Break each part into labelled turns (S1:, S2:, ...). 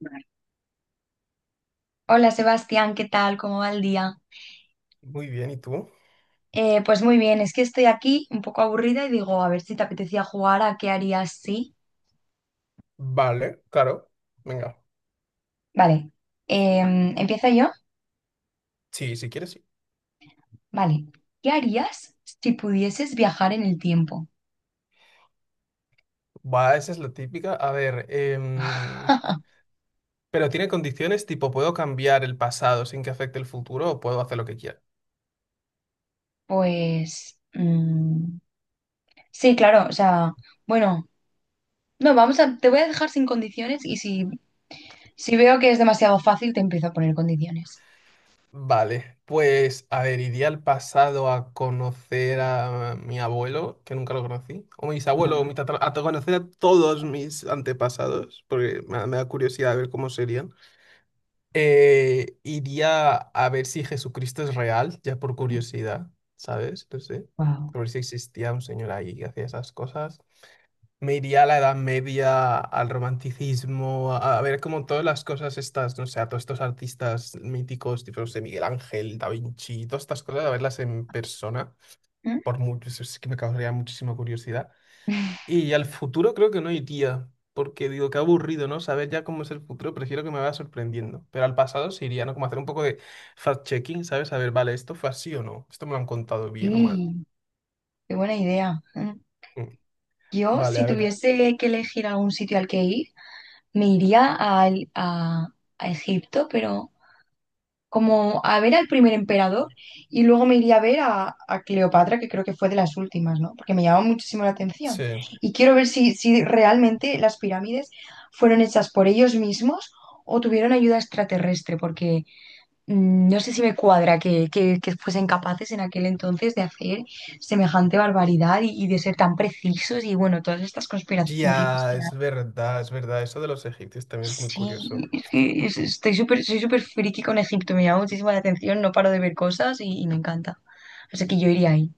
S1: Vale. Hola Sebastián, ¿qué tal? ¿Cómo va el día?
S2: Muy bien, ¿y tú?
S1: Pues muy bien, es que estoy aquí un poco aburrida y digo, a ver si te apetecía jugar a qué harías si.
S2: Vale, claro. Venga.
S1: Vale, ¿empiezo yo?
S2: Sí, si quieres, sí.
S1: Vale. ¿Qué harías si pudieses viajar en el tiempo?
S2: Va, esa es la típica. A ver, pero tiene condiciones tipo, ¿puedo cambiar el pasado sin que afecte el futuro o puedo hacer lo que quiera?
S1: Pues sí, claro, o sea, bueno, no, te voy a dejar sin condiciones y si veo que es demasiado fácil, te empiezo a poner condiciones.
S2: Vale, pues, a ver, iría al pasado a conocer a mi abuelo, que nunca lo conocí, o mis abuelos, o
S1: Wow,
S2: mi a conocer a todos mis antepasados, porque me da curiosidad ver cómo serían. Iría a ver si Jesucristo es real, ya por curiosidad, ¿sabes? No sé.
S1: wow.
S2: A ver si existía un señor ahí que hacía esas cosas. Me iría a la Edad Media, al romanticismo, a ver como todas las cosas estas, no sé, a todos estos artistas míticos, tipo, no sé, Miguel Ángel, Da Vinci, todas estas cosas, a verlas en persona,
S1: ¿Mm?
S2: por mucho, eso sí que me causaría muchísima curiosidad. Y al futuro creo que no iría, porque digo, qué aburrido, ¿no? Saber ya cómo es el futuro, prefiero que me vaya sorprendiendo. Pero al pasado sí iría, ¿no? Como hacer un poco de fact-checking, ¿sabes? Saber, vale, ¿esto fue así o no? ¿Esto me lo han contado bien o mal?
S1: Sí, qué buena idea.
S2: Mm.
S1: Yo,
S2: Vale,
S1: si
S2: a ver,
S1: tuviese que elegir algún sitio al que ir, me iría al- a, a Egipto, pero como a ver al primer emperador y luego me iría a ver a Cleopatra, que creo que fue de las últimas, ¿no? Porque me llamó muchísimo la atención.
S2: sí.
S1: Y quiero ver si, si realmente las pirámides fueron hechas por ellos mismos o tuvieron ayuda extraterrestre, porque no sé si me cuadra que fuesen capaces en aquel entonces de hacer semejante barbaridad y de ser tan precisos y bueno, todas estas conspiraciones
S2: Ya,
S1: que
S2: es
S1: hay.
S2: verdad, es verdad. Eso de los egipcios también es muy
S1: Sí,
S2: curioso.
S1: es que estoy súper, soy súper friki con Egipto, me llama muchísimo la atención, no paro de ver cosas y me encanta. Así que yo iría ahí.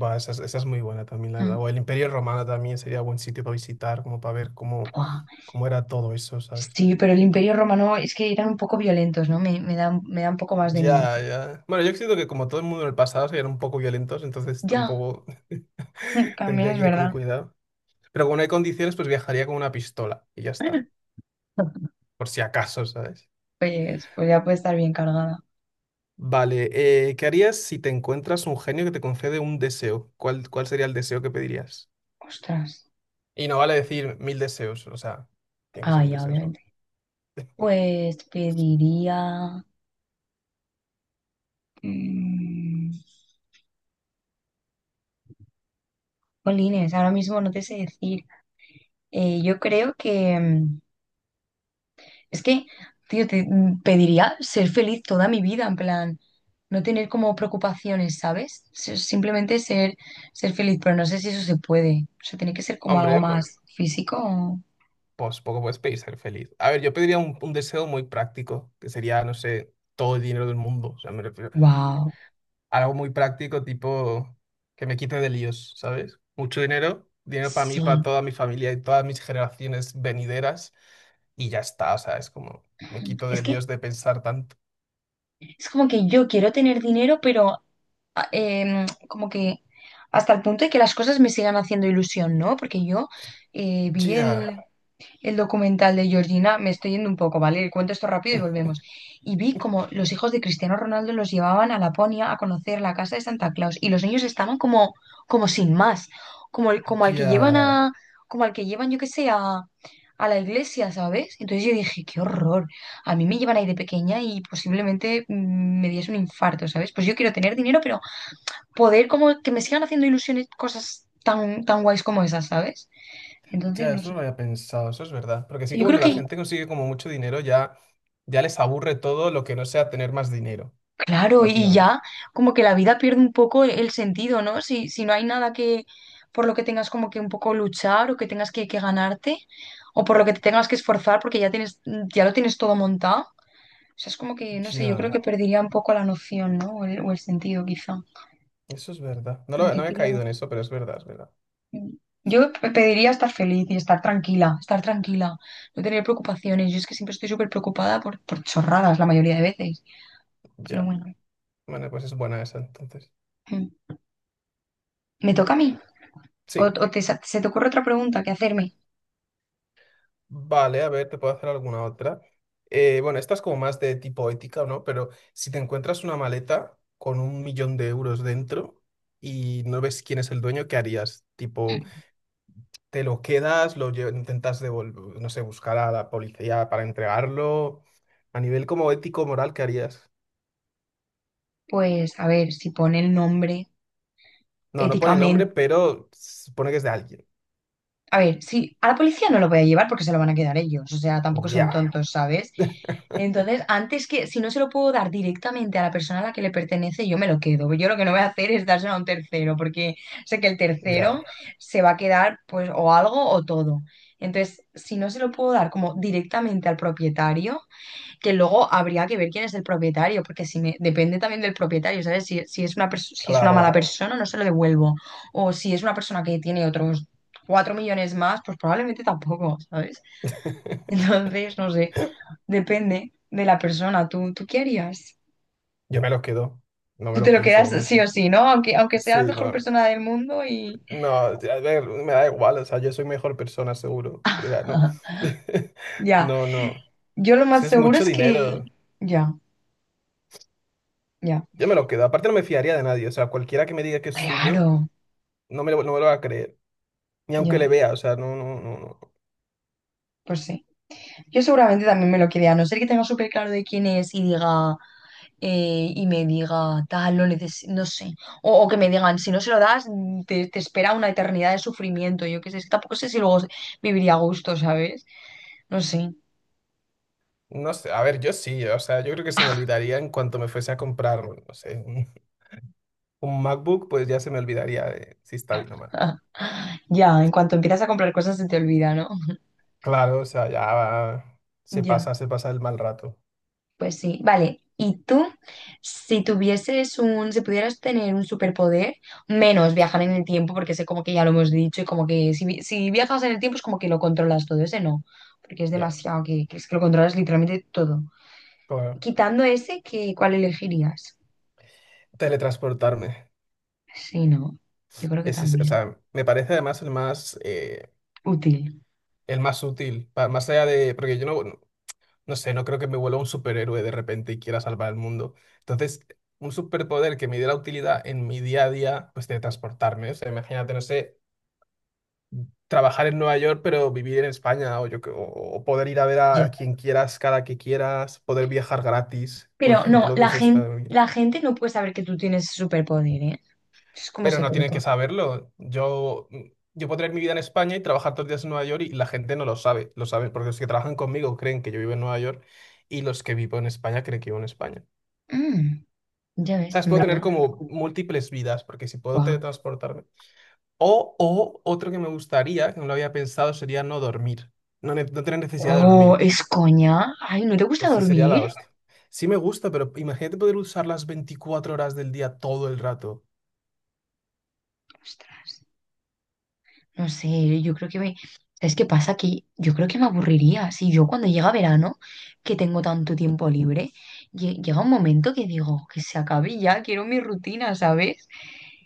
S2: Va, esa, esa es muy buena también, la
S1: Mm,
S2: verdad. O el Imperio Romano también sería buen sitio para visitar, como para ver cómo,
S1: buah.
S2: cómo era todo eso, ¿sabes?
S1: Sí, pero el Imperio Romano es que eran un poco violentos, ¿no? Me da un poco más de miedo.
S2: Ya, ya. Bueno, yo siento que como todo el mundo en el pasado se eran un poco violentos, entonces
S1: Ya,
S2: tampoco
S1: también
S2: tendría
S1: es
S2: que ir con
S1: verdad.
S2: cuidado. Pero como no hay condiciones, pues viajaría con una pistola y ya está, por si acaso, ¿sabes?
S1: Pues, pues ya puede estar bien cargada.
S2: Vale, ¿qué harías si te encuentras un genio que te concede un deseo? ¿Cuál sería el deseo que pedirías?
S1: Ostras.
S2: Y no vale decir mil deseos, o sea, tiene que
S1: Ah,
S2: ser un
S1: ya,
S2: deseo solo.
S1: obviamente. Pues pediría diría... mm, jolines, ahora mismo no te sé decir. Yo creo que... es que, tío, te pediría ser feliz toda mi vida, en plan, no tener como preocupaciones, ¿sabes? Simplemente ser, ser feliz, pero no sé si eso se puede. O sea, tiene que ser como algo
S2: Hombre, pues,
S1: más físico.
S2: pues poco puedes pedir ser feliz. A ver, yo pediría un deseo muy práctico, que sería, no sé, todo el dinero del mundo. O sea, me refiero
S1: Wow.
S2: algo muy práctico, tipo que me quite de líos, ¿sabes? Mucho dinero, dinero para mí, para
S1: Sí.
S2: toda mi familia y todas mis generaciones venideras, y ya está, o sea, es como me quito
S1: Es
S2: de
S1: que
S2: líos de pensar tanto.
S1: es como que yo quiero tener dinero, pero como que hasta el punto de que las cosas me sigan haciendo ilusión, ¿no? Porque yo vi
S2: Ya,
S1: el documental de Georgina, me estoy yendo un poco, ¿vale? Cuento esto rápido y volvemos. Y vi como los hijos de Cristiano Ronaldo los llevaban a Laponia a conocer la casa de Santa Claus y los niños estaban como, como sin más, como al que llevan
S2: ya,
S1: a, como al que llevan, yo qué sé, a la iglesia, ¿sabes? Entonces yo dije, qué horror. A mí me llevan ahí de pequeña y posiblemente me diese un infarto, ¿sabes? Pues yo quiero tener dinero, pero poder como que me sigan haciendo ilusiones cosas tan, tan guays como esas, ¿sabes? Entonces,
S2: ya,
S1: no
S2: eso
S1: sé.
S2: no lo había pensado, eso es verdad. Porque sí que
S1: Yo creo
S2: cuando la
S1: que,
S2: gente consigue como mucho dinero, ya, ya les aburre todo lo que no sea tener más dinero,
S1: claro, y
S2: básicamente.
S1: ya como que la vida pierde un poco el sentido, ¿no? Si no hay nada que por lo que tengas como que un poco luchar o que tengas que ganarte o por lo que te tengas que esforzar porque ya tienes, ya lo tienes todo montado. O sea, es como que, no sé, yo creo
S2: Ya,
S1: que perdería un poco la noción, ¿no? O el sentido, quizá.
S2: eso es verdad.
S1: Como que
S2: No he
S1: queda.
S2: caído en eso, pero es verdad, es verdad.
S1: Yo pediría estar feliz y estar tranquila, no tener preocupaciones. Yo es que siempre estoy súper preocupada por chorradas la mayoría de veces. Pero
S2: Ya.
S1: bueno,
S2: Bueno, pues es buena esa entonces.
S1: mm. ¿Me
S2: A
S1: toca a mí?
S2: ver.
S1: ¿O,
S2: Sí.
S1: se te ocurre otra pregunta que hacerme?
S2: Vale, a ver, te puedo hacer alguna otra. Bueno, esta es como más de tipo ética, ¿no? Pero si te encuentras una maleta con un millón de euros dentro y no ves quién es el dueño, ¿qué harías? Tipo, ¿te lo quedas? ¿Intentas devolver? No sé, buscar a la policía para entregarlo. A nivel como ético, moral, ¿qué harías?
S1: Pues a ver, si pone el nombre
S2: No, no pone nombre,
S1: éticamente.
S2: pero se supone que es de alguien.
S1: A ver, sí, a la policía no lo voy a llevar porque se lo van a quedar ellos, o sea, tampoco son
S2: Ya,
S1: tontos, ¿sabes? Entonces, antes que, si no se lo puedo dar directamente a la persona a la que le pertenece, yo me lo quedo. Yo lo que no voy a hacer es dárselo a un tercero, porque sé que el
S2: ya,
S1: tercero se va a quedar, pues, o algo o todo. Entonces, si no se lo puedo dar como directamente al propietario, que luego habría que ver quién es el propietario, porque si me, depende también del propietario, ¿sabes? Si es una mala
S2: claro.
S1: persona, no se lo devuelvo. O si es una persona que tiene otros 4 millones más, pues probablemente tampoco, ¿sabes? Entonces, no sé, depende de la persona. Tú qué harías?
S2: Yo me lo quedo. No me
S1: Tú
S2: lo
S1: te lo
S2: pienso,
S1: quedas
S2: vamos.
S1: sí o
S2: ¿No?
S1: sí, ¿no? Aunque sea la
S2: Sí,
S1: mejor
S2: no.
S1: persona del mundo y...
S2: No, a ver, me da igual, o sea, yo soy mejor persona, seguro. O sea, no.
S1: Ya,
S2: No, no.
S1: yo lo
S2: Es que
S1: más
S2: es
S1: seguro
S2: mucho
S1: es que...
S2: dinero.
S1: Ya, ya,
S2: Yo me lo quedo. Aparte, no me fiaría de nadie. O sea, cualquiera que me diga que es suyo,
S1: claro,
S2: no me lo va a creer. Ni aunque
S1: ya,
S2: le vea, o sea, no, no, no, no.
S1: pues sí. Yo seguramente también me lo quede, a no ser que tenga súper claro de quién es y diga, y me diga, tal, no sé. O que me digan, si no se lo das, te espera una eternidad de sufrimiento. Yo qué sé, es que tampoco sé si luego viviría a gusto, ¿sabes? No sé.
S2: No sé, a ver, yo sí, o sea, yo creo que se me olvidaría en cuanto me fuese a comprar, no sé, un MacBook, pues ya se me olvidaría de si está bien o mal.
S1: Ya, en cuanto empiezas a comprar cosas se te olvida, ¿no?
S2: Claro, o sea,
S1: Ya.
S2: se pasa el mal rato.
S1: Pues sí, vale. ¿Y tú, si pudieras tener un superpoder, menos viajar en el tiempo, porque sé como que ya lo hemos dicho, y como que si viajas en el tiempo es como que lo controlas todo, ese no, porque es
S2: Ya,
S1: demasiado, que es que lo controlas literalmente todo.
S2: claro.
S1: Quitando ese, ¿qué, cuál elegirías?
S2: Teletransportarme.
S1: Sí, no, yo creo que
S2: Ese es- o
S1: también.
S2: sea, me parece además el más, eh,
S1: Útil,
S2: el más útil, más allá de, porque yo no sé, no creo que me vuelva un superhéroe de repente y quiera salvar el mundo. Entonces, un superpoder que me diera utilidad en mi día a día, pues de transportarme, o sea, imagínate, no sé, trabajar en Nueva York, pero vivir en España, o, yo, que- o poder ir a ver a,
S1: yo.
S2: a quien quieras cada que quieras, poder viajar gratis, por
S1: Pero no,
S2: ejemplo, que eso está bien.
S1: la gente no puede saber que tú tienes superpoder, ¿eh? Es como
S2: Pero no tienen que
S1: secreto.
S2: saberlo. Yo puedo tener mi vida en España y trabajar todos los días en Nueva York y la gente no lo sabe. Lo saben porque los que trabajan conmigo creen que yo vivo en Nueva York y los que vivo en España creen que vivo en España.
S1: Mm, ya ves,
S2: ¿Sabes?
S1: en
S2: Puedo tener
S1: verdad.
S2: como múltiples vidas porque si puedo
S1: Guau.
S2: teletransportarme. O otro que me gustaría, que no lo había pensado, sería no dormir. No, no tener necesidad de
S1: Oh,
S2: dormir.
S1: es coña. Ay, ¿no te gusta
S2: Ese sería la
S1: dormir?
S2: hostia. Sí me gusta, pero imagínate poder usar las 24 horas del día todo el rato.
S1: Ostras, no sé, yo creo que me... ¿Sabes qué pasa? Que yo creo que me aburriría. Si yo cuando llega verano, que tengo tanto tiempo libre, llega un momento que digo, que se acabe ya, quiero mi rutina, ¿sabes?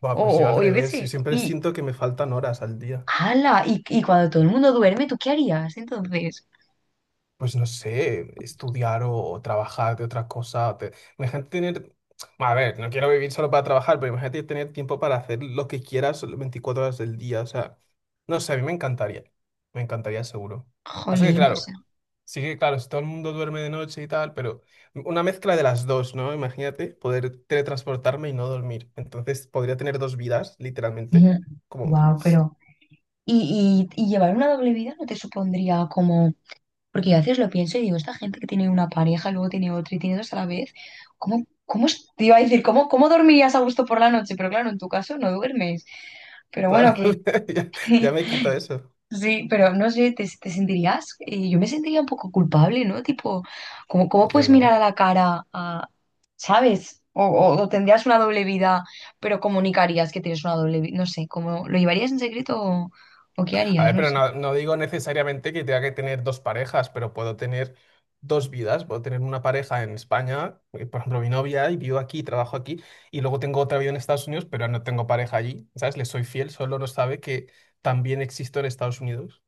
S2: Buah, pues yo
S1: O,
S2: al
S1: o yo qué
S2: revés, yo
S1: sé.
S2: siempre
S1: Y,
S2: siento que me faltan horas al día.
S1: ala, y cuando todo el mundo duerme, ¿tú qué harías entonces?
S2: Pues no sé, estudiar o trabajar de otra cosa. Imagínate tener, a ver, no quiero vivir solo para trabajar, pero imagínate tener tiempo para hacer lo que quieras las 24 horas del día. O sea, no sé, a mí me encantaría seguro. Pasa que
S1: Jolín, o sea.
S2: claro, sí que claro, si todo el mundo duerme de noche y tal, pero una mezcla de las dos, ¿no? Imagínate poder teletransportarme y no dormir. Entonces podría tener dos vidas, literalmente. Como,
S1: Wow, pero... ¿Y llevar una doble vida no te supondría como... Porque yo a veces lo pienso y digo, esta gente que tiene una pareja, luego tiene otra y tiene dos a la vez, te iba a decir, ¿cómo, cómo dormirías a gusto por la noche? Pero claro, en tu caso no duermes. Pero bueno,
S2: claro,
S1: que,
S2: ya, ya me quito eso.
S1: sí, pero no sé, te sentirías, yo me sentiría un poco culpable, ¿no? Tipo, cómo
S2: Yo
S1: puedes mirar a
S2: no.
S1: la cara a, ¿sabes? O tendrías una doble vida, pero comunicarías que tienes una doble vida, no sé, ¿cómo lo llevarías en secreto o qué
S2: A
S1: harías?
S2: ver,
S1: No
S2: pero
S1: sé.
S2: no, no digo necesariamente que tenga que tener dos parejas, pero puedo tener dos vidas. Puedo tener una pareja en España, por ejemplo, mi novia, y vivo aquí, trabajo aquí, y luego tengo otra vida en Estados Unidos, pero no tengo pareja allí, ¿sabes? Le soy fiel, solo no sabe que también existo en Estados Unidos,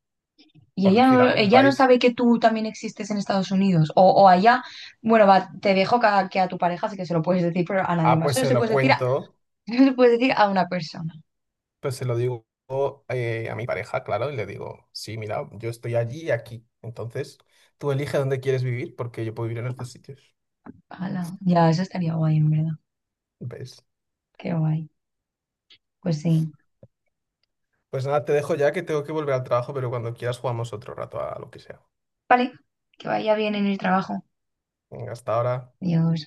S1: Y
S2: por decir algún
S1: ella no
S2: país.
S1: sabe que tú también existes en Estados Unidos. O allá, bueno, va, te dejo que a tu pareja sí que se lo puedes decir, pero a nadie
S2: Ah,
S1: más.
S2: pues
S1: Solo
S2: se
S1: se
S2: lo
S1: puede decir a,
S2: cuento,
S1: solo se puede decir a una persona.
S2: pues se lo digo a mi pareja, claro, y le digo, sí, mira, yo estoy allí y aquí, entonces tú elige dónde quieres vivir, porque yo puedo vivir en los dos sitios,
S1: Ala, ya, eso estaría guay, en verdad.
S2: ¿ves?
S1: Qué guay. Pues sí.
S2: Pues nada, te dejo ya que tengo que volver al trabajo, pero cuando quieras jugamos otro rato a lo que sea.
S1: Vale, que vaya bien en el trabajo.
S2: Venga, hasta ahora.
S1: Adiós.